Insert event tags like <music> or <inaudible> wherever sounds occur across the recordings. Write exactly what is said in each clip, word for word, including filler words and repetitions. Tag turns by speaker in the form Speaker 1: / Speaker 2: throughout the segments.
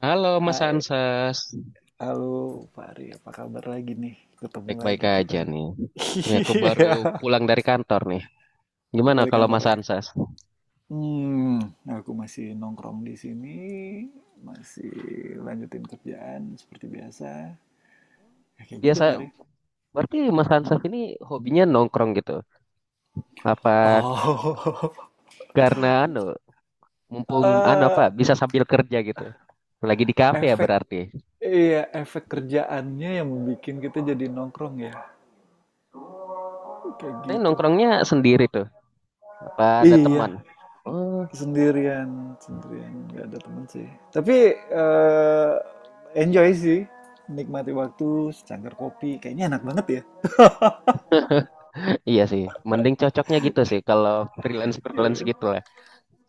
Speaker 1: Halo Mas
Speaker 2: Hai,
Speaker 1: Ansas,
Speaker 2: halo Pak, apa kabar lagi nih? Ketemu
Speaker 1: baik-baik
Speaker 2: lagi
Speaker 1: aja
Speaker 2: kita. <laughs>
Speaker 1: nih. Ini aku baru
Speaker 2: Iya,
Speaker 1: pulang dari kantor nih. Gimana
Speaker 2: balik
Speaker 1: kalau
Speaker 2: kantor
Speaker 1: Mas
Speaker 2: ya.
Speaker 1: Ansas?
Speaker 2: Hmm, aku masih nongkrong di sini, masih lanjutin kerjaan seperti biasa. Ya, kayak gitu,
Speaker 1: Biasa,
Speaker 2: Pak.
Speaker 1: berarti Mas Ansas
Speaker 2: Hmm.
Speaker 1: ini hobinya nongkrong gitu. Apa
Speaker 2: Oh, <laughs>
Speaker 1: karena anu, mumpung anu
Speaker 2: eh,
Speaker 1: apa, bisa sambil kerja gitu. Lagi di kafe ya
Speaker 2: efek,
Speaker 1: berarti.
Speaker 2: iya, efek kerjaannya yang bikin kita jadi nongkrong ya. Kayak
Speaker 1: Saya
Speaker 2: gitu.
Speaker 1: nongkrongnya sendiri tuh. Apa ada teman?
Speaker 2: Iya,
Speaker 1: Oh,
Speaker 2: sendirian sendirian nggak ada teman sih, tapi eh, enjoy sih, nikmati waktu secangkir kopi kayaknya enak banget ya.
Speaker 1: iya sih. Mending cocoknya gitu sih kalau freelance freelance
Speaker 2: Iya.
Speaker 1: gitu lah.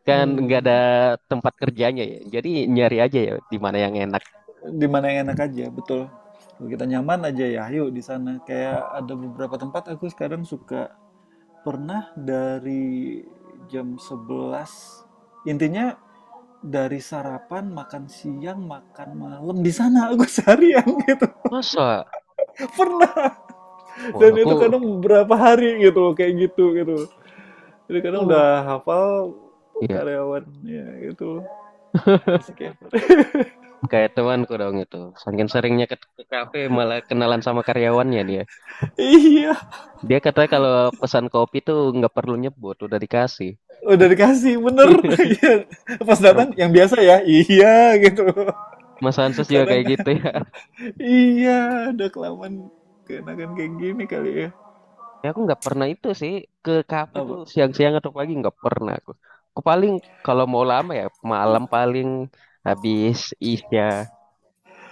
Speaker 1: Kan nggak ada
Speaker 2: hmm,
Speaker 1: tempat kerjanya ya. Jadi nyari aja ya di mana yang enak.
Speaker 2: di yang enak aja, betul. Kalau kita nyaman aja ya ayo di sana, kayak ada beberapa tempat aku sekarang suka. Pernah dari jam sebelas. Intinya dari sarapan, makan siang, makan malam di sana aku <laughs> seharian gitu,
Speaker 1: Masa?
Speaker 2: pernah.
Speaker 1: Wah,
Speaker 2: Dan
Speaker 1: aku,
Speaker 2: itu kadang berapa hari gitu loh, kayak gitu gitu, jadi kadang
Speaker 1: aku
Speaker 2: udah hafal
Speaker 1: ya
Speaker 2: karyawannya gitu. Asik ya.
Speaker 1: kayak temanku dong itu. Saking seringnya ke, ke kafe malah kenalan sama karyawannya dia.
Speaker 2: <laughs> Iya,
Speaker 1: Dia katanya kalau pesan kopi tuh nggak perlu nyebut, udah dikasih.
Speaker 2: udah dikasih, bener. <laughs>
Speaker 1: <laughs>
Speaker 2: Iya. Pas
Speaker 1: Ntar
Speaker 2: datang yang biasa ya, iya gitu.
Speaker 1: Mas Hanses juga
Speaker 2: Kadang
Speaker 1: kayak gitu ya.
Speaker 2: iya, udah kelamaan, keenakan kayak gini kali ya.
Speaker 1: Ya aku nggak pernah itu sih, ke kafe tuh
Speaker 2: Apa
Speaker 1: siang-siang atau pagi nggak pernah aku. Aku paling kalau mau lama ya malam, paling habis isya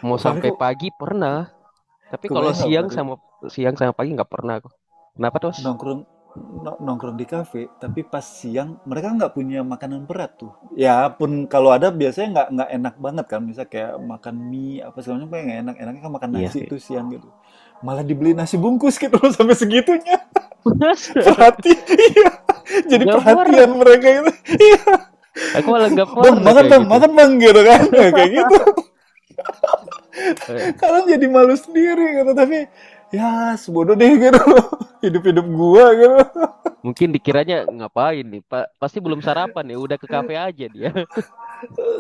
Speaker 1: mau
Speaker 2: Fahri,
Speaker 1: sampai
Speaker 2: kok
Speaker 1: pagi pernah. Tapi kalau
Speaker 2: kebayang nggak
Speaker 1: siang
Speaker 2: Fahri
Speaker 1: sama siang sama pagi nggak pernah aku. Kenapa tuh, Mas?
Speaker 2: nongkrong? No- nongkrong di kafe tapi pas siang mereka nggak punya makanan berat tuh ya, pun kalau ada biasanya nggak, nggak enak banget kan, misal kayak makan mie apa segala macam, kayak nggak enak. Enaknya kan makan
Speaker 1: Iya
Speaker 2: nasi tuh siang gitu, malah dibeli nasi bungkus gitu loh. <laughs> Sampai segitunya
Speaker 1: sih. <laughs>
Speaker 2: perhati, iya, jadi
Speaker 1: Nggak pernah.
Speaker 2: perhatian mereka itu, iya.
Speaker 1: Aku malah nggak
Speaker 2: Bang
Speaker 1: pernah
Speaker 2: makan,
Speaker 1: kayak
Speaker 2: bang
Speaker 1: gitu.
Speaker 2: makan, bang, gitu kan. Nah, kayak gitu
Speaker 1: Eh,
Speaker 2: kalian jadi malu sendiri gitu, tapi ya sebodoh deh gitu loh, hidup hidup gua gitu.
Speaker 1: Mungkin dikiranya ngapain nih, Pak? Pasti belum sarapan ya, udah ke kafe aja dia. <laughs>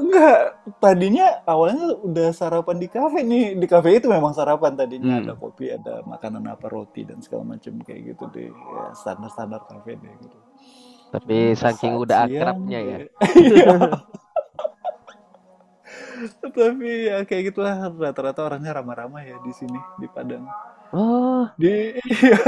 Speaker 2: Enggak, tadinya awalnya udah sarapan di kafe nih. Di kafe itu memang sarapan, tadinya ada
Speaker 1: Hmm,
Speaker 2: kopi, ada makanan apa, roti dan segala macam kayak gitu deh. Ya, standar-standar kafe deh gitu.
Speaker 1: tapi
Speaker 2: Cuman nih pas
Speaker 1: saking
Speaker 2: saat
Speaker 1: udah
Speaker 2: siang
Speaker 1: akrabnya ya.
Speaker 2: kayak- <laughs> Iya, tapi ya kayak gitulah, rata-rata orangnya ramah-ramah ya di sini di Padang.
Speaker 1: Oh,
Speaker 2: Di <laughs>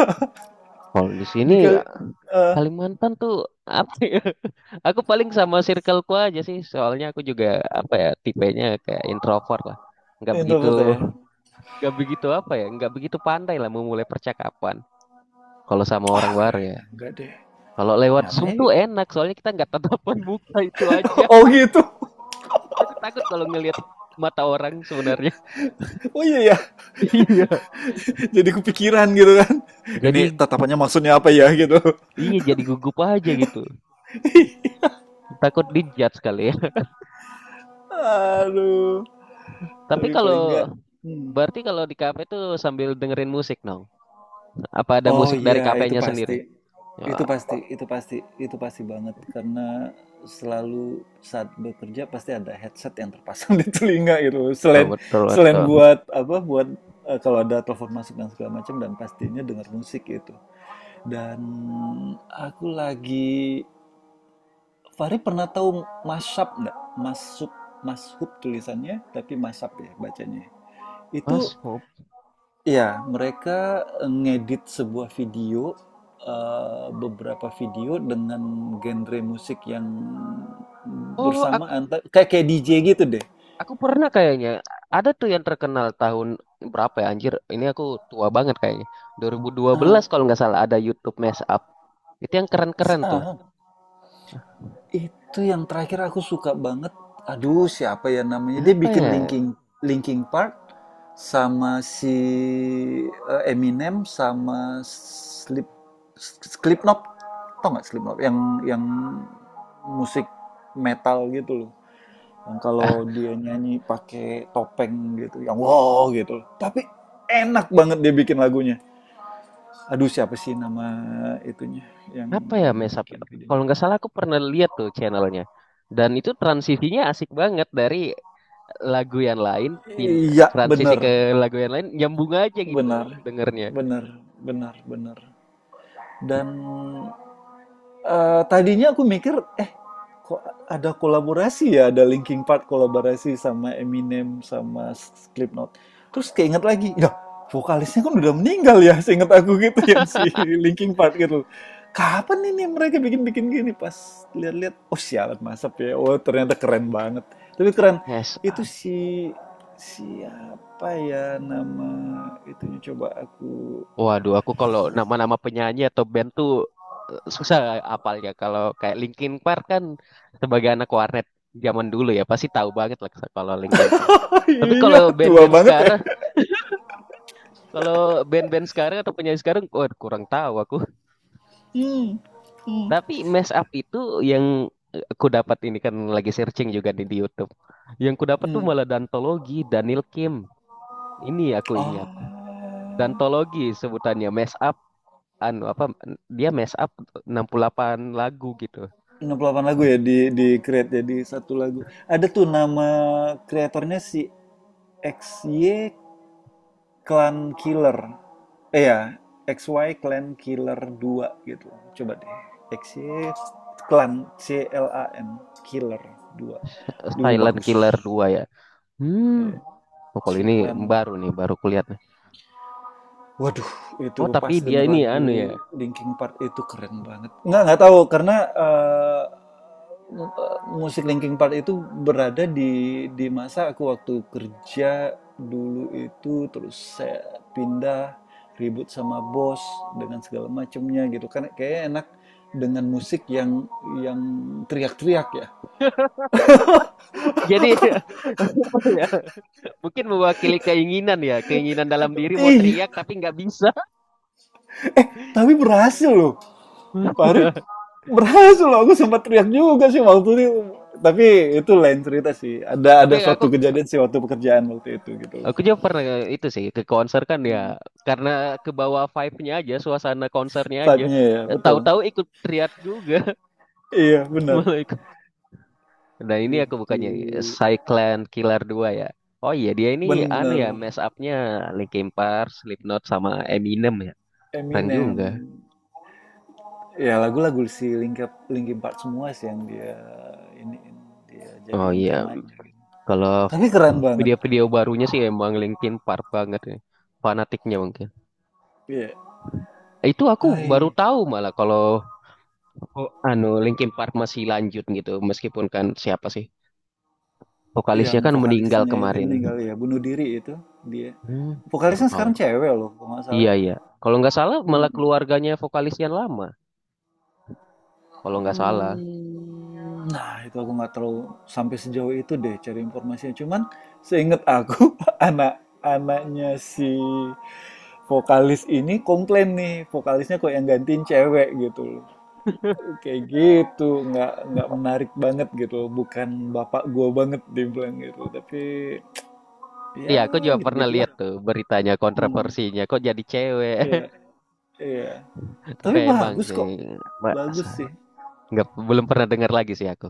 Speaker 1: kalau di sini
Speaker 2: di kali eh
Speaker 1: Kalimantan tuh apa ya? <laughs> Aku paling sama circleku aja sih, soalnya aku juga apa ya, tipenya kayak introvert lah. Nggak begitu,
Speaker 2: introvert ya.
Speaker 1: nggak begitu apa ya, nggak begitu pandai lah memulai percakapan. Kalau sama orang
Speaker 2: Ah,
Speaker 1: baru ya.
Speaker 2: kayaknya enggak deh.
Speaker 1: Kalau lewat Zoom
Speaker 2: Nyatanya
Speaker 1: tuh enak, soalnya kita nggak tatapan <laughs> muka itu aja.
Speaker 2: <laughs> oh gitu.
Speaker 1: Aku takut kalau ngelihat mata orang sebenarnya.
Speaker 2: Oh iya ya.
Speaker 1: <laughs> Iya.
Speaker 2: <laughs> Jadi kepikiran gitu kan. Ini
Speaker 1: Jadi
Speaker 2: tatapannya maksudnya apa ya gitu.
Speaker 1: iya jadi gugup aja gitu. Takut dijudge kali ya.
Speaker 2: Aduh,
Speaker 1: <laughs> Tapi
Speaker 2: tapi
Speaker 1: kalau
Speaker 2: paling enggak. Hmm.
Speaker 1: Berarti kalau di kafe tuh sambil dengerin musik dong. No? Apa ada
Speaker 2: Oh
Speaker 1: musik dari
Speaker 2: iya, itu
Speaker 1: kafenya sendiri?
Speaker 2: pasti.
Speaker 1: Ya,
Speaker 2: Itu pasti, itu pasti, itu pasti banget karena selalu saat bekerja pasti ada headset yang terpasang <laughs> di telinga gitu.
Speaker 1: oh,
Speaker 2: Selain
Speaker 1: betul
Speaker 2: Selain
Speaker 1: betul.
Speaker 2: buat apa? Buat eh, kalau ada telepon masuk dan segala macam, dan pastinya dengar musik gitu. Dan aku lagi, Fahri pernah tahu mashup nggak? Mashup, mashup tulisannya tapi mashup ya bacanya. Itu,
Speaker 1: Mas, oh,
Speaker 2: iya, mereka eh, ngedit sebuah video, eee, beberapa video dengan genre musik yang
Speaker 1: oh, aku
Speaker 2: bersamaan, ta kayak kayak D J gitu deh.
Speaker 1: aku pernah kayaknya. Ada tuh yang terkenal tahun berapa ya anjir? Ini aku tua banget kayaknya. dua ribu dua belas
Speaker 2: ah
Speaker 1: kalau nggak salah ada YouTube Mashup. Itu yang
Speaker 2: se
Speaker 1: keren-keren tuh.
Speaker 2: heeh, itu yang terakhir aku suka banget. Aduh, siapa ya namanya, dia
Speaker 1: Apa
Speaker 2: bikin
Speaker 1: ya?
Speaker 2: linking, linking part sama si, eee, Eminem sama Slip Slipknot. Tau nggak Slipknot? Yang yang musik metal gitu loh. Yang kalau dia nyanyi pakai topeng gitu, yang wow gitu, tapi enak banget dia bikin lagunya. Aduh, siapa sih nama itunya yang
Speaker 1: Apa ya, mesap,
Speaker 2: bikin
Speaker 1: kalau
Speaker 2: videonya.
Speaker 1: nggak salah aku pernah lihat tuh channelnya, dan itu transisinya asik banget dari lagu yang lain, pin-
Speaker 2: Iya
Speaker 1: transisi
Speaker 2: bener,
Speaker 1: ke lagu yang lain, nyambung aja gitu
Speaker 2: benar,
Speaker 1: dengernya.
Speaker 2: benar, benar, benar. Dan Eh, tadinya aku mikir, eh kok ada kolaborasi ya, ada Linkin Park kolaborasi sama Eminem sama Slipknot. Terus keinget lagi, ya vokalisnya kan udah meninggal ya, seinget aku gitu, <laughs> yang si Linkin Park gitu. Kapan ini mereka bikin-bikin gini, pas lihat-lihat, oh sialan masap ya, oh ternyata keren banget. Tapi keren,
Speaker 1: Yes.
Speaker 2: itu si siapa ya nama itunya, coba aku. <laughs>
Speaker 1: Waduh, aku kalau nama-nama penyanyi atau band tuh eh, susah apalnya. Kalau kayak Linkin Park kan, sebagai anak warnet zaman dulu ya, pasti tahu banget lah kalau Linkin Park.
Speaker 2: Oh
Speaker 1: Tapi kalau
Speaker 2: iya, tua
Speaker 1: band-band
Speaker 2: banget ya.
Speaker 1: sekarang, kalau band-band sekarang atau penyanyi sekarang, oh, kurang tahu aku.
Speaker 2: Hmm. Hmm.
Speaker 1: Tapi mess up itu yang aku dapat, ini kan lagi searching juga nih di YouTube. Yang ku dapat tuh
Speaker 2: Hmm.
Speaker 1: malah Dantologi, Daniel Kim. Ini aku ingat.
Speaker 2: Oh,
Speaker 1: Dantologi sebutannya mess up, anu apa, dia mess up enam puluh delapan lagu gitu.
Speaker 2: enam puluh delapan lagu ya di di create jadi satu lagu. Ada tuh nama kreatornya, si X Y Clan Killer. Eh ya, X Y Clan Killer dua gitu. Coba deh. X Y Clan, C L A N, Killer dua. Duh,
Speaker 1: Silent
Speaker 2: bagus.
Speaker 1: Killer dua ya.
Speaker 2: Iya,
Speaker 1: Hmm, oh, kalau
Speaker 2: si
Speaker 1: ini
Speaker 2: Clan.
Speaker 1: baru nih, baru kulihat nih.
Speaker 2: Waduh,
Speaker 1: Oh,
Speaker 2: itu
Speaker 1: tapi
Speaker 2: pas
Speaker 1: dia ini
Speaker 2: denger
Speaker 1: anu ya.
Speaker 2: lagu Linkin Park itu keren banget. Nggak, nggak tahu karena eh, eh, musik Linkin Park itu berada di di masa aku waktu kerja dulu itu. Terus saya pindah, ribut sama bos dengan segala macamnya gitu kan, kayak enak dengan musik yang yang teriak-teriak ya.
Speaker 1: Jadi <laughs> apa ya, mungkin mewakili keinginan ya, keinginan dalam diri mau
Speaker 2: Iya,
Speaker 1: teriak tapi nggak bisa.
Speaker 2: tapi berhasil loh. Fahri,
Speaker 1: <laughs>
Speaker 2: berhasil loh, aku sempat teriak juga sih waktu itu. Tapi itu lain cerita sih, ada
Speaker 1: Tapi
Speaker 2: ada
Speaker 1: aku
Speaker 2: suatu kejadian sih waktu pekerjaan waktu itu gitu.
Speaker 1: Aku juga pernah itu sih, ke konser kan ya,
Speaker 2: Hmm.
Speaker 1: karena ke bawah vibe-nya aja, suasana konsernya aja.
Speaker 2: Vibe-nya ya
Speaker 1: Eh,
Speaker 2: betul.
Speaker 1: tahu-tahu ikut triad juga
Speaker 2: Iya,
Speaker 1: <laughs>
Speaker 2: benar.
Speaker 1: malah ikut. Nah ini aku
Speaker 2: Itu
Speaker 1: bukannya Cyclan Killer dua ya. Oh iya dia ini anu
Speaker 2: benar.
Speaker 1: ya, mess up-nya Linkin Park, Slipknot sama Eminem ya. Keren
Speaker 2: Eminem
Speaker 1: juga.
Speaker 2: ya, lagu-lagu si Linkin, Linkin Park semua sih, yang dia ini dia
Speaker 1: Oh
Speaker 2: jadiin
Speaker 1: iya,
Speaker 2: temanya gitu.
Speaker 1: kalau
Speaker 2: Tapi keren banget.
Speaker 1: video-video barunya sih emang Linkin Park banget ya. Fanatiknya mungkin.
Speaker 2: Iya.
Speaker 1: Itu aku
Speaker 2: Hai.
Speaker 1: baru tahu malah kalau, oh, anu, Linkin Park masih lanjut gitu meskipun kan siapa sih, vokalisnya
Speaker 2: Yang
Speaker 1: kan meninggal
Speaker 2: vokalisnya, aduh, itu
Speaker 1: kemarin.
Speaker 2: meninggal ya, bunuh diri itu dia.
Speaker 1: Hmm, baru
Speaker 2: Vokalisnya
Speaker 1: tahu.
Speaker 2: sekarang cewek loh, kalau nggak
Speaker 1: Iya,
Speaker 2: salah.
Speaker 1: iya. Kalau nggak salah malah
Speaker 2: Hmm.
Speaker 1: keluarganya vokalis yang lama. Kalau nggak salah.
Speaker 2: Hmm, nah itu aku nggak terlalu sampai sejauh itu deh cari informasinya. Cuman seingat aku, <laughs> anak-anaknya si vokalis ini komplain nih, vokalisnya kok yang gantiin cewek gitu loh. Kayak gitu nggak, nggak menarik banget gitu loh. Bukan bapak gua banget, dia bilang gitu. Tapi ya
Speaker 1: Iya, aku juga
Speaker 2: gitu
Speaker 1: pernah
Speaker 2: gitulah.
Speaker 1: lihat tuh beritanya,
Speaker 2: Hmm,
Speaker 1: kontroversinya. Kok jadi cewek?
Speaker 2: iya, iya.
Speaker 1: <laughs> Tapi
Speaker 2: Tapi
Speaker 1: emang
Speaker 2: bagus
Speaker 1: sih,
Speaker 2: kok. Bagus
Speaker 1: masa
Speaker 2: sih.
Speaker 1: nggak, belum pernah dengar lagi sih aku.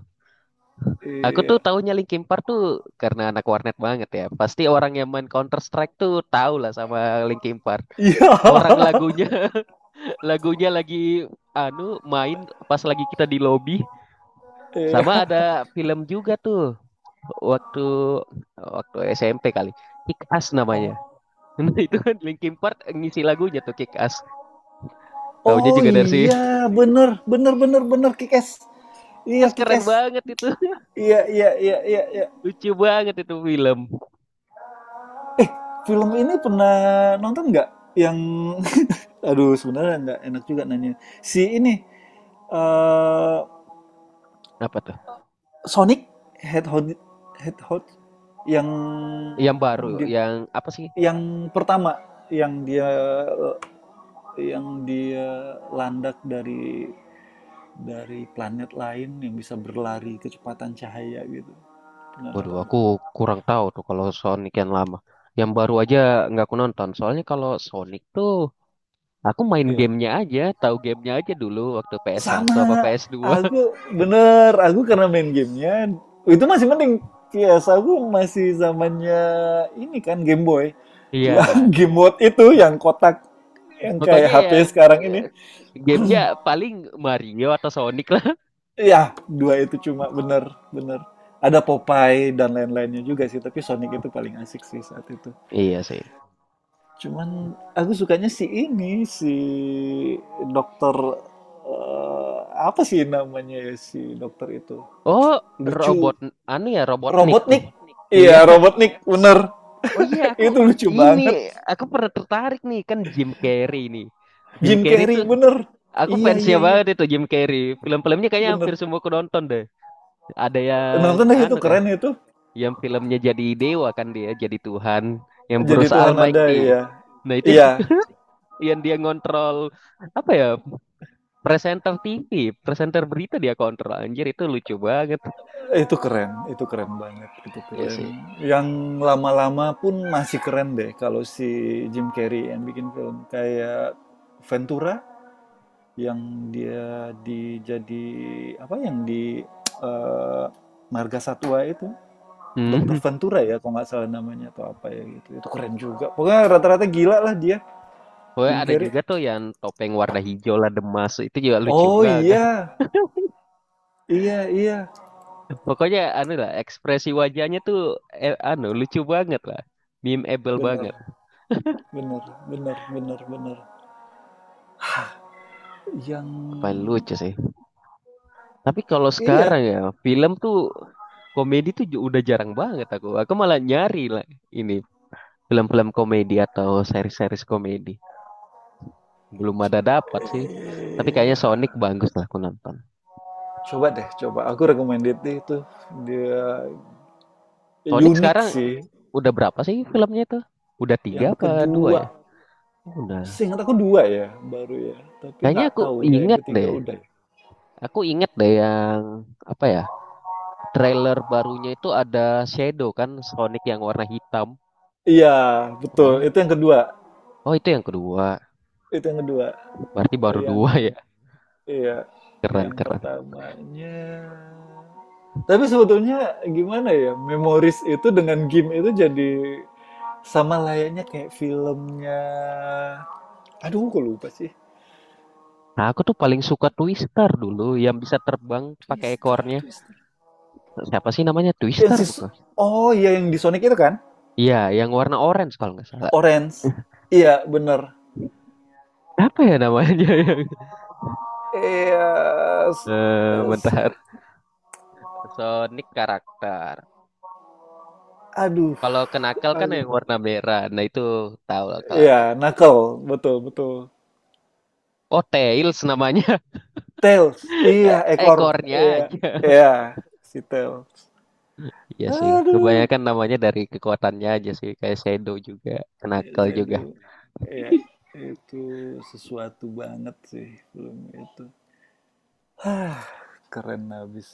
Speaker 1: Aku tuh
Speaker 2: Iya. <laughs>
Speaker 1: tahunya Linkin Park tuh karena anak warnet banget ya. Pasti orang yang main Counter Strike tuh tahu lah sama Linkin Park.
Speaker 2: Iya.
Speaker 1: Orang lagunya <laughs> lagunya lagi anu main, pas lagi kita di lobby. Sama
Speaker 2: Iya.
Speaker 1: ada film juga tuh waktu waktu S M P kali, Kick Ass namanya. <laughs> Nah itu kan Linkin Park ngisi lagunya tuh Kick Ass, taunya
Speaker 2: Oh
Speaker 1: juga dari si <laughs>
Speaker 2: iya, bener, bener, bener, bener, Kikes. Iya,
Speaker 1: Kick, keren
Speaker 2: Kikes.
Speaker 1: banget itu.
Speaker 2: Iya, iya, iya, iya, iya.
Speaker 1: <laughs> Lucu banget itu film.
Speaker 2: Eh, film ini pernah nonton nggak? Yang, <laughs> aduh, sebenarnya nggak enak juga nanya. Si ini, eh
Speaker 1: Apa tuh,
Speaker 2: Sonic Hedgehog, Hedgehog, yang
Speaker 1: yang baru,
Speaker 2: di-
Speaker 1: yang apa sih,
Speaker 2: yang pertama, yang dia, yang dia landak dari dari planet lain yang bisa berlari kecepatan cahaya gitu. Pernah
Speaker 1: waduh,
Speaker 2: nonton
Speaker 1: aku
Speaker 2: nggak?
Speaker 1: kurang tahu tuh kalau Sonic yang lama. Yang baru aja nggak aku nonton, soalnya kalau Sonic tuh aku main
Speaker 2: Iya.
Speaker 1: gamenya aja, tahu gamenya aja dulu waktu ps satu apa
Speaker 2: Sama.
Speaker 1: ps dua.
Speaker 2: Aku bener. Aku karena main gamenya itu masih mending. P S aku masih zamannya ini kan Game Boy.
Speaker 1: <laughs>
Speaker 2: <laughs>
Speaker 1: Iya,
Speaker 2: Yang game mode itu yang kotak, yang
Speaker 1: pokoknya
Speaker 2: kayak H P
Speaker 1: yang
Speaker 2: sekarang
Speaker 1: eh,
Speaker 2: ini.
Speaker 1: gamenya paling Mario atau Sonic lah.
Speaker 2: Ya, dua itu cuma, bener bener. Ada Popeye dan lain-lainnya juga sih, tapi Sonic itu paling asik sih saat itu.
Speaker 1: Iya sih.
Speaker 2: Cuman aku sukanya si ini, si dokter, eh, apa sih namanya ya si dokter itu?
Speaker 1: Oh,
Speaker 2: Lucu.
Speaker 1: robot, anu ya, Robotnik.
Speaker 2: Robotnik. Iya,
Speaker 1: Iya.
Speaker 2: Robotnik, bener.
Speaker 1: Oh iya, aku
Speaker 2: <laughs> Itu lucu
Speaker 1: ini
Speaker 2: banget.
Speaker 1: aku pernah tertarik nih kan Jim Carrey nih. Jim
Speaker 2: Jim
Speaker 1: Carrey
Speaker 2: Carrey,
Speaker 1: tuh
Speaker 2: bener.
Speaker 1: aku
Speaker 2: Iya,
Speaker 1: fansnya
Speaker 2: iya, iya,
Speaker 1: banget, itu Jim Carrey. Film-filmnya kayaknya hampir
Speaker 2: bener.
Speaker 1: semua aku nonton deh. Ada yang
Speaker 2: Nonton deh, itu
Speaker 1: anu kah?
Speaker 2: keren itu.
Speaker 1: Yang filmnya jadi dewa kan dia, jadi Tuhan, yang
Speaker 2: Jadi
Speaker 1: Bruce
Speaker 2: Tuhan ada
Speaker 1: Almighty.
Speaker 2: ya.
Speaker 1: Nah, itu
Speaker 2: Iya,
Speaker 1: <laughs> yang dia ngontrol apa ya? Presenter T V, presenter berita dia kontrol. Anjir, itu lucu banget.
Speaker 2: itu keren, itu keren banget, itu
Speaker 1: Iya
Speaker 2: keren.
Speaker 1: sih.
Speaker 2: Yang lama-lama pun masih keren deh kalau si Jim Carrey yang bikin film kayak Ventura, yang dia dijadi apa, yang di eh, Marga Satwa itu.
Speaker 1: Hmm.
Speaker 2: Dokter Ventura ya kalau nggak salah namanya, atau apa ya gitu. Itu keren juga, pokoknya rata-rata gila lah dia.
Speaker 1: Pokoknya
Speaker 2: Jim
Speaker 1: ada
Speaker 2: Carrey,
Speaker 1: juga tuh yang topeng warna hijau lah demas, itu juga lucu
Speaker 2: oh
Speaker 1: banget.
Speaker 2: iya, iya, iya,
Speaker 1: <laughs> Pokoknya anu lah, ekspresi wajahnya tuh eh, anu, lucu banget lah. Memeable
Speaker 2: bener,
Speaker 1: banget.
Speaker 2: bener, bener, bener, bener.
Speaker 1: Paling
Speaker 2: Yang,
Speaker 1: lucu sih. Tapi kalau
Speaker 2: iya,
Speaker 1: sekarang ya, film tuh komedi tuh ju- udah jarang banget aku. Aku malah nyari lah ini film-film komedi atau series-series komedi. Belum ada dapat sih. Tapi kayaknya Sonic
Speaker 2: iya,
Speaker 1: bagus lah aku nonton.
Speaker 2: coba deh, coba aku recommended itu. Dia
Speaker 1: Sonic
Speaker 2: unik
Speaker 1: sekarang
Speaker 2: sih.
Speaker 1: udah berapa sih filmnya tuh? Udah tiga
Speaker 2: Yang
Speaker 1: apa dua ya?
Speaker 2: kedua.
Speaker 1: Oh, udah.
Speaker 2: Seingat aku dua ya, baru ya. Tapi
Speaker 1: Kayaknya
Speaker 2: nggak
Speaker 1: aku
Speaker 2: tahu udah yang
Speaker 1: inget
Speaker 2: ketiga
Speaker 1: deh.
Speaker 2: udah ya.
Speaker 1: Aku inget deh yang apa ya? Trailer barunya itu ada Shadow kan, Sonic yang warna hitam.
Speaker 2: Iya, betul.
Speaker 1: Oh,
Speaker 2: Itu yang kedua.
Speaker 1: oh itu yang kedua.
Speaker 2: Itu yang kedua.
Speaker 1: Berarti baru
Speaker 2: Eh, Yang,
Speaker 1: dua ya.
Speaker 2: iya,
Speaker 1: Keren
Speaker 2: yang
Speaker 1: keren.
Speaker 2: pertamanya. Tapi sebetulnya gimana ya? Memories itu dengan game itu jadi sama layaknya kayak filmnya. Aduh, kok lupa sih.
Speaker 1: Nah, aku tuh paling suka Twister dulu, yang bisa terbang pakai
Speaker 2: Twister,
Speaker 1: ekornya.
Speaker 2: Twister.
Speaker 1: Siapa sih namanya,
Speaker 2: Yang
Speaker 1: Twister
Speaker 2: si-
Speaker 1: bukan?
Speaker 2: oh iya, yang di Sonic itu kan?
Speaker 1: Iya, yang warna orange kalau nggak salah.
Speaker 2: Orange. Iya, bener.
Speaker 1: Apa ya namanya <laughs> yang?
Speaker 2: Iya, s-
Speaker 1: Eh,
Speaker 2: s-
Speaker 1: bentar. Sonic karakter.
Speaker 2: aduh,
Speaker 1: Kalau kenakal kan
Speaker 2: aduh.
Speaker 1: yang warna merah. Nah itu tahu lah kalau,
Speaker 2: Iya, knuckle, betul, betul.
Speaker 1: oh, Tails namanya.
Speaker 2: Tails, iya,
Speaker 1: Eh,
Speaker 2: ekor,
Speaker 1: ekornya
Speaker 2: iya,
Speaker 1: aja. <laughs>
Speaker 2: iya, si Tails.
Speaker 1: Iya sih,
Speaker 2: Aduh,
Speaker 1: kebanyakan namanya dari kekuatannya aja sih, kayak Shadow juga,
Speaker 2: yes,
Speaker 1: Knuckle juga.
Speaker 2: aduh, iya, itu sesuatu banget sih film itu. Hah, keren abis.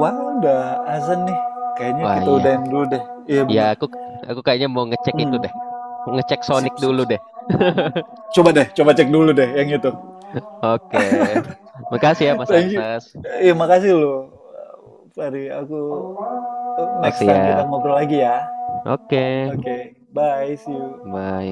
Speaker 2: Wah, udah azan nih. Kayaknya
Speaker 1: Wah
Speaker 2: kita
Speaker 1: iya,
Speaker 2: udahin dulu deh. Iya
Speaker 1: ya
Speaker 2: bener.
Speaker 1: aku aku kayaknya mau ngecek itu
Speaker 2: Hmm,
Speaker 1: deh, ngecek
Speaker 2: sip,
Speaker 1: Sonic
Speaker 2: sip,
Speaker 1: dulu
Speaker 2: sip.
Speaker 1: deh.
Speaker 2: Coba deh, coba cek dulu deh yang itu.
Speaker 1: Oke, makasih ya Mas
Speaker 2: Thank you.
Speaker 1: Ansas.
Speaker 2: Iya, makasih loh. Fahri, aku
Speaker 1: Oh
Speaker 2: next time kita
Speaker 1: siap,
Speaker 2: ngobrol lagi ya.
Speaker 1: oke,
Speaker 2: Oke, bye, see you.
Speaker 1: bye.